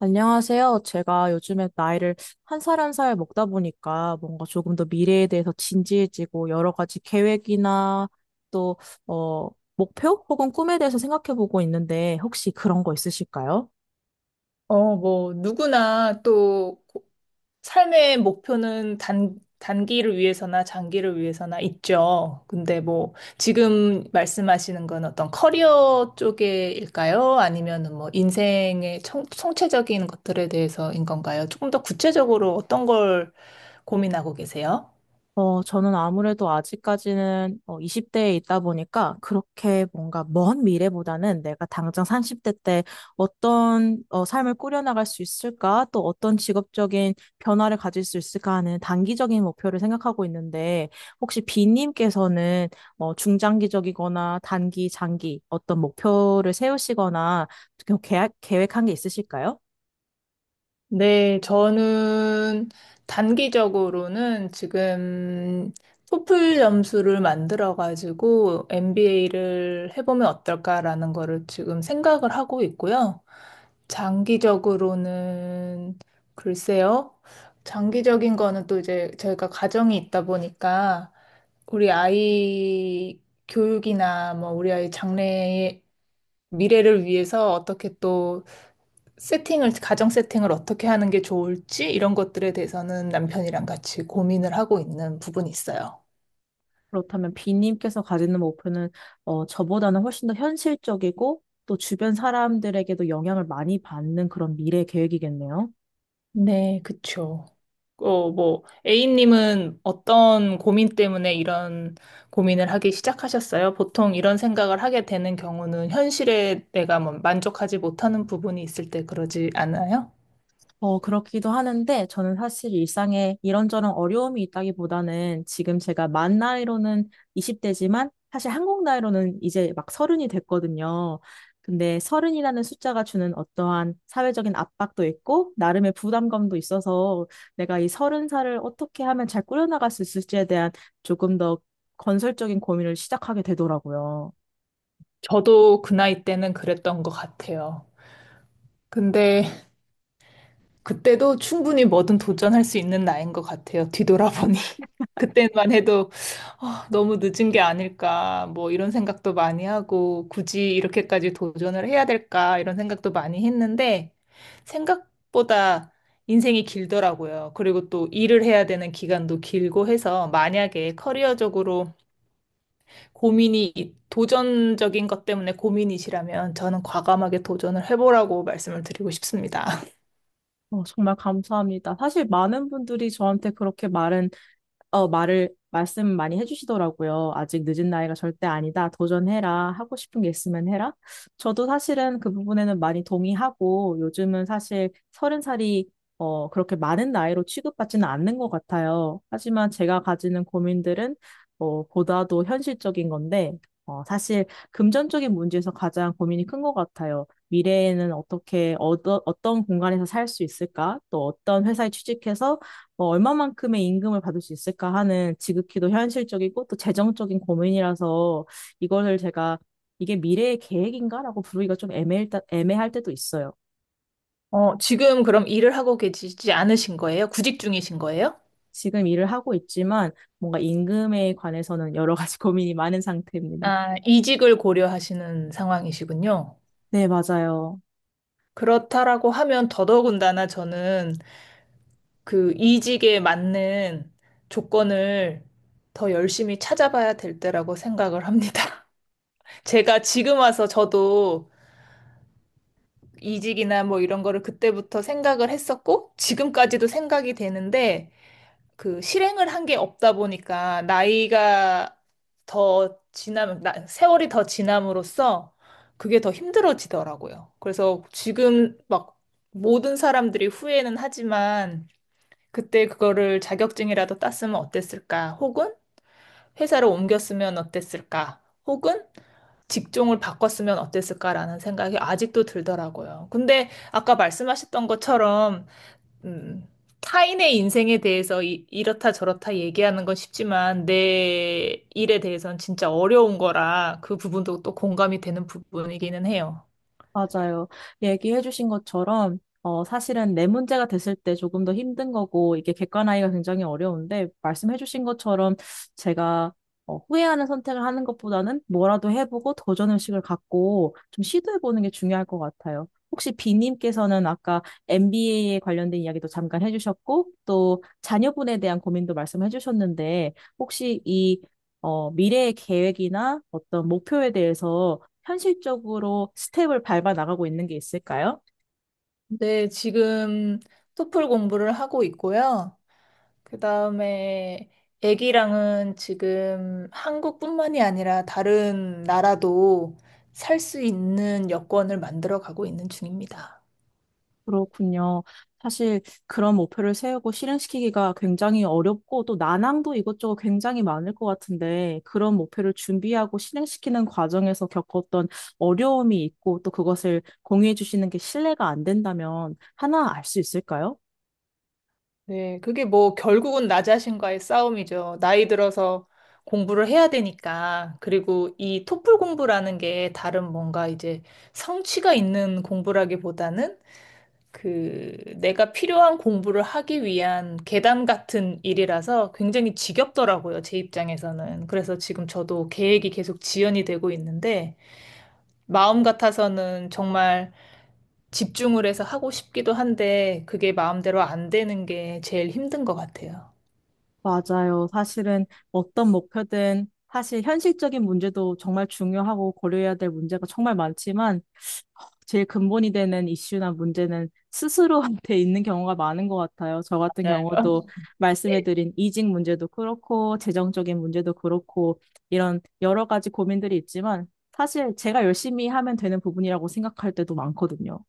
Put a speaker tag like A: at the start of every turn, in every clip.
A: 안녕하세요. 제가 요즘에 나이를 한 살 한 살 먹다 보니까 뭔가 조금 더 미래에 대해서 진지해지고 여러 가지 계획이나 또, 어, 목표 혹은 꿈에 대해서 생각해 보고 있는데 혹시 그런 거 있으실까요?
B: 누구나 또 삶의 목표는 단기를 위해서나 장기를 위해서나 있죠. 근데 뭐, 지금 말씀하시는 건 어떤 커리어 쪽일까요? 아니면은 뭐, 인생의 총체적인 것들에 대해서인 건가요? 조금 더 구체적으로 어떤 걸 고민하고 계세요?
A: 저는 아무래도 아직까지는 20대에 있다 보니까 그렇게 뭔가 먼 미래보다는 내가 당장 30대 때 어떤 삶을 꾸려나갈 수 있을까? 또 어떤 직업적인 변화를 가질 수 있을까 하는 단기적인 목표를 생각하고 있는데 혹시 비님께서는 중장기적이거나 단기, 장기 어떤 목표를 세우시거나 계획한 게 있으실까요?
B: 네, 저는 단기적으로는 지금 토플 점수를 만들어가지고 MBA를 해보면 어떨까라는 거를 지금 생각을 하고 있고요. 장기적으로는 글쎄요. 장기적인 거는 또 이제 저희가 가정이 있다 보니까 우리 아이 교육이나 뭐 우리 아이 장래의 미래를 위해서 어떻게 또 가정 세팅을 어떻게 하는 게 좋을지 이런 것들에 대해서는 남편이랑 같이 고민을 하고 있는 부분이 있어요.
A: 그렇다면 비님께서 가지는 목표는 저보다는 훨씬 더 현실적이고 또 주변 사람들에게도 영향을 많이 받는 그런 미래 계획이겠네요.
B: 네, 그쵸. A님은 어떤 고민 때문에 이런 고민을 하기 시작하셨어요? 보통 이런 생각을 하게 되는 경우는 현실에 내가 뭐 만족하지 못하는 부분이 있을 때 그러지 않아요?
A: 그렇기도 하는데 저는 사실 일상에 이런저런 어려움이 있다기보다는 지금 제가 만 나이로는 20대지만 사실 한국 나이로는 이제 막 서른이 됐거든요. 근데 서른이라는 숫자가 주는 어떠한 사회적인 압박도 있고 나름의 부담감도 있어서 내가 이 서른 살을 어떻게 하면 잘 꾸려나갈 수 있을지에 대한 조금 더 건설적인 고민을 시작하게 되더라고요.
B: 저도 그 나이 때는 그랬던 것 같아요. 근데 그때도 충분히 뭐든 도전할 수 있는 나이인 것 같아요. 뒤돌아보니. 그때만 해도 아, 너무 늦은 게 아닐까, 뭐 이런 생각도 많이 하고, 굳이 이렇게까지 도전을 해야 될까, 이런 생각도 많이 했는데, 생각보다 인생이 길더라고요. 그리고 또 일을 해야 되는 기간도 길고 해서, 만약에 커리어적으로 도전적인 것 때문에 고민이시라면, 저는 과감하게 도전을 해보라고 말씀을 드리고 싶습니다.
A: 정말 감사합니다. 사실 많은 분들이 저한테 그렇게 말씀 많이 해주시더라고요. 아직 늦은 나이가 절대 아니다. 도전해라. 하고 싶은 게 있으면 해라. 저도 사실은 그 부분에는 많이 동의하고 요즘은 사실 서른 살이 그렇게 많은 나이로 취급받지는 않는 것 같아요. 하지만 제가 가지는 고민들은 보다도 현실적인 건데 사실 금전적인 문제에서 가장 고민이 큰 것 같아요. 미래에는 어떤 공간에서 살 수 있을까? 또 어떤 회사에 취직해서 뭐 얼마만큼의 임금을 받을 수 있을까 하는 지극히도 현실적이고 또 재정적인 고민이라서 이거를 제가 이게 미래의 계획인가라고 부르기가 좀 애매할 때도 있어요.
B: 어, 지금 그럼 일을 하고 계시지 않으신 거예요? 구직 중이신 거예요?
A: 지금 일을 하고 있지만 뭔가 임금에 관해서는 여러 가지 고민이 많은 상태입니다.
B: 아, 이직을 고려하시는 상황이시군요.
A: 네, 맞아요.
B: 그렇다라고 하면 더더군다나 저는 그 이직에 맞는 조건을 더 열심히 찾아봐야 될 때라고 생각을 합니다. 제가 지금 와서 저도 이직이나 뭐 이런 거를 그때부터 생각을 했었고, 지금까지도 생각이 되는데, 그 실행을 한 게 없다 보니까 나이가 더 지나면 세월이 더 지남으로써 그게 더 힘들어지더라고요. 그래서 지금 막 모든 사람들이 후회는 하지만 그때 그거를 자격증이라도 땄으면 어땠을까? 혹은 회사를 옮겼으면 어땠을까? 혹은 직종을 바꿨으면 어땠을까라는 생각이 아직도 들더라고요. 근데 아까 말씀하셨던 것처럼 음, 타인의 인생에 대해서 이렇다 저렇다 얘기하는 건 쉽지만 내 일에 대해서는 진짜 어려운 거라 그 부분도 또 공감이 되는 부분이기는 해요.
A: 맞아요. 얘기해 주신 것처럼, 사실은 내 문제가 됐을 때 조금 더 힘든 거고, 이게 객관화하기가 굉장히 어려운데, 말씀해 주신 것처럼 제가 후회하는 선택을 하는 것보다는 뭐라도 해보고 도전 의식을 갖고 좀 시도해 보는 게 중요할 것 같아요. 혹시 비님께서는 아까 MBA에 관련된 이야기도 잠깐 해주셨고, 또 자녀분에 대한 고민도 말씀해 주셨는데, 혹시 이 미래의 계획이나 어떤 목표에 대해서 현실적으로 스텝을 밟아 나가고 있는 게 있을까요?
B: 네, 지금 토플 공부를 하고 있고요. 그 다음에 애기랑은 지금 한국뿐만이 아니라 다른 나라도 살 수 있는 여권을 만들어 가고 있는 중입니다.
A: 그렇군요. 사실 그런 목표를 세우고 실행시키기가 굉장히 어렵고 또 난항도 이것저것 굉장히 많을 것 같은데 그런 목표를 준비하고 실행시키는 과정에서 겪었던 어려움이 있고 또 그것을 공유해 주시는 게 신뢰가 안 된다면 하나 알 수 있을까요?
B: 네, 그게 뭐 결국은 나 자신과의 싸움이죠. 나이 들어서 공부를 해야 되니까. 그리고 이 토플 공부라는 게 다른 뭔가 이제 성취가 있는 공부라기보다는 그 내가 필요한 공부를 하기 위한 계단 같은 일이라서 굉장히 지겹더라고요. 제 입장에서는. 그래서 지금 저도 계획이 계속 지연이 되고 있는데 마음 같아서는 정말 집중을 해서 하고 싶기도 한데 그게 마음대로 안 되는 게 제일 힘든 것 같아요.
A: 맞아요. 사실은 어떤 목표든 사실 현실적인 문제도 정말 중요하고 고려해야 될 문제가 정말 많지만 제일 근본이 되는 이슈나 문제는 스스로한테 있는 경우가 많은 것 같아요. 저 같은
B: 맞아요.
A: 경우도 말씀해드린 이직 문제도 그렇고, 재정적인 문제도 그렇고, 이런 여러 가지 고민들이 있지만, 사실 제가 열심히 하면 되는 부분이라고 생각할 때도 많거든요.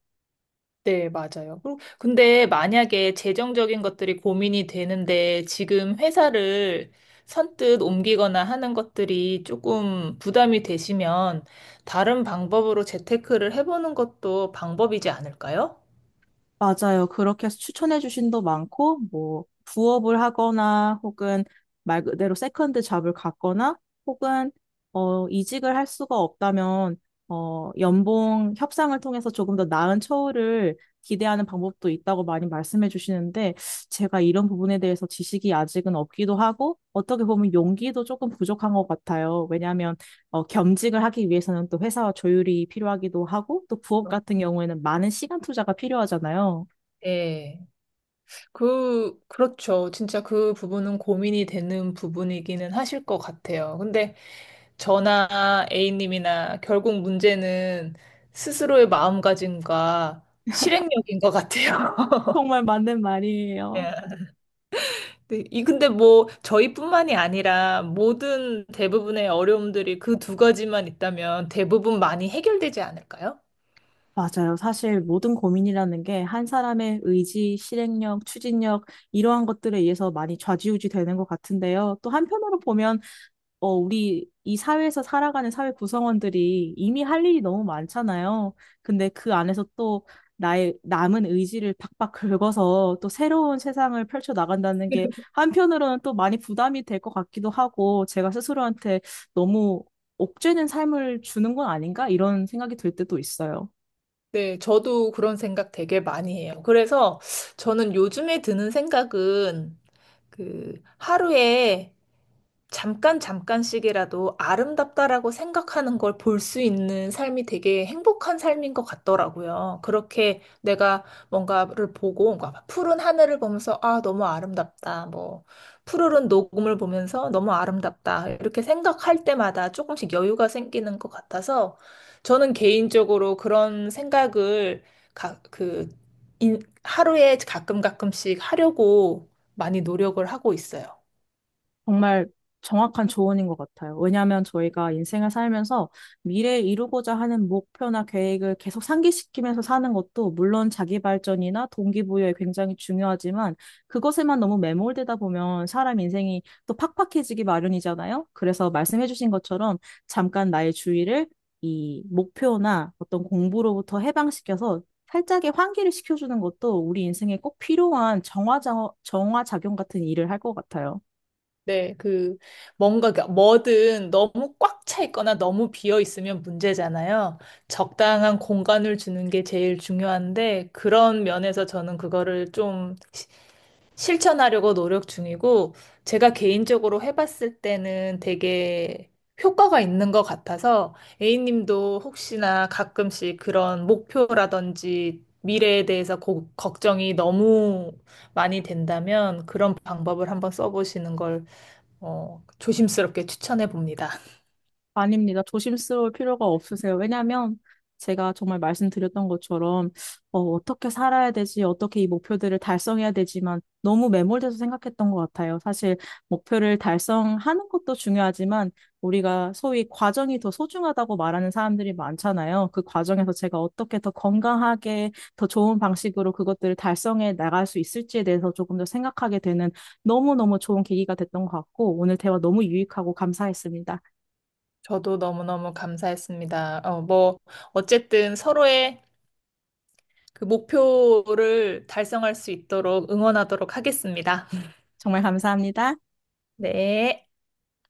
B: 네, 맞아요. 그리고 근데 만약에 재정적인 것들이 고민이 되는데 지금 회사를 선뜻 옮기거나 하는 것들이 조금 부담이 되시면 다른 방법으로 재테크를 해보는 것도 방법이지 않을까요?
A: 맞아요. 그렇게 해서 추천해 주신 도 많고, 뭐, 부업을 하거나, 혹은 말 그대로 세컨드 잡을 갖거나, 혹은, 이직을 할 수가 없다면, 연봉 협상을 통해서 조금 더 나은 처우를 기대하는 방법도 있다고 많이 말씀해 주시는데, 제가 이런 부분에 대해서 지식이 아직은 없기도 하고, 어떻게 보면 용기도 조금 부족한 것 같아요. 왜냐하면 겸직을 하기 위해서는 또 회사와 조율이 필요하기도 하고, 또 부업 같은 경우에는 많은 시간 투자가 필요하잖아요.
B: 네. 그렇죠. 진짜 그 부분은 고민이 되는 부분이기는 하실 것 같아요. 근데 저나 A님이나 결국 문제는 스스로의 마음가짐과 실행력인 것 같아요.
A: 정말 맞는 말이에요.
B: 예. 네, 이 근데 뭐 저희뿐만이 아니라 모든 대부분의 어려움들이 그 두 가지만 있다면 대부분 많이 해결되지 않을까요?
A: 맞아요. 사실 모든 고민이라는 게 한 사람의 의지, 실행력, 추진력, 이러한 것들에 의해서 많이 좌지우지 되는 것 같은데요. 또 한편으로 보면 우리 이 사회에서 살아가는 사회 구성원들이 이미 할 일이 너무 많잖아요. 근데 그 안에서 또 나의 남은 의지를 박박 긁어서 또 새로운 세상을 펼쳐 나간다는 게 한편으로는 또 많이 부담이 될 것 같기도 하고 제가 스스로한테 너무 옥죄는 삶을 주는 건 아닌가? 이런 생각이 들 때도 있어요.
B: 네, 저도 그런 생각 되게 많이 해요. 그래서 저는 요즘에 드는 생각은 그 하루에 잠깐 잠깐씩이라도 아름답다라고 생각하는 걸 볼 수 있는 삶이 되게 행복한 삶인 것 같더라고요. 그렇게 내가 뭔가를 보고 뭔가 푸른 하늘을 보면서 아, 너무 아름답다. 뭐 푸르른 녹음을 보면서 너무 아름답다. 이렇게 생각할 때마다 조금씩 여유가 생기는 것 같아서 저는 개인적으로 그런 생각을 가, 그 하루에 가끔 가끔씩 하려고 많이 노력을 하고 있어요.
A: 정말 정확한 조언인 것 같아요. 왜냐하면 저희가 인생을 살면서 미래에 이루고자 하는 목표나 계획을 계속 상기시키면서 사는 것도 물론 자기 발전이나 동기부여에 굉장히 중요하지만 그것에만 너무 매몰되다 보면 사람 인생이 또 팍팍해지기 마련이잖아요. 그래서 말씀해주신 것처럼 잠깐 나의 주의를 이 목표나 어떤 공부로부터 해방시켜서 살짝의 환기를 시켜주는 것도 우리 인생에 꼭 필요한 정화작용 같은 일을 할 것 같아요.
B: 네, 그러니까 뭐든 너무 꽉 차 있거나 너무 비어 있으면 문제잖아요. 적당한 공간을 주는 게 제일 중요한데, 그런 면에서 저는 그거를 실천하려고 노력 중이고, 제가 개인적으로 해봤을 때는 되게 효과가 있는 것 같아서, A님도 혹시나 가끔씩 그런 목표라든지 미래에 대해서 걱정이 너무 많이 된다면, 그런 방법을 한번 써보시는 걸 조심스럽게 추천해 봅니다.
A: 아닙니다. 조심스러울 필요가 없으세요. 왜냐하면 제가 정말 말씀드렸던 것처럼 어떻게 살아야 되지, 어떻게 이 목표들을 달성해야 되지만 너무 매몰돼서 생각했던 것 같아요. 사실 목표를 달성하는 것도 중요하지만 우리가 소위 과정이 더 소중하다고 말하는 사람들이 많잖아요. 그 과정에서 제가 어떻게 더 건강하게, 더 좋은 방식으로 그것들을 달성해 나갈 수 있을지에 대해서 조금 더 생각하게 되는 너무너무 좋은 계기가 됐던 것 같고 오늘 대화 너무 유익하고 감사했습니다.
B: 저도 너무너무 감사했습니다. 어쨌든 서로의 그 목표를 달성할 수 있도록 응원하도록 하겠습니다.
A: 정말 감사합니다.
B: 네.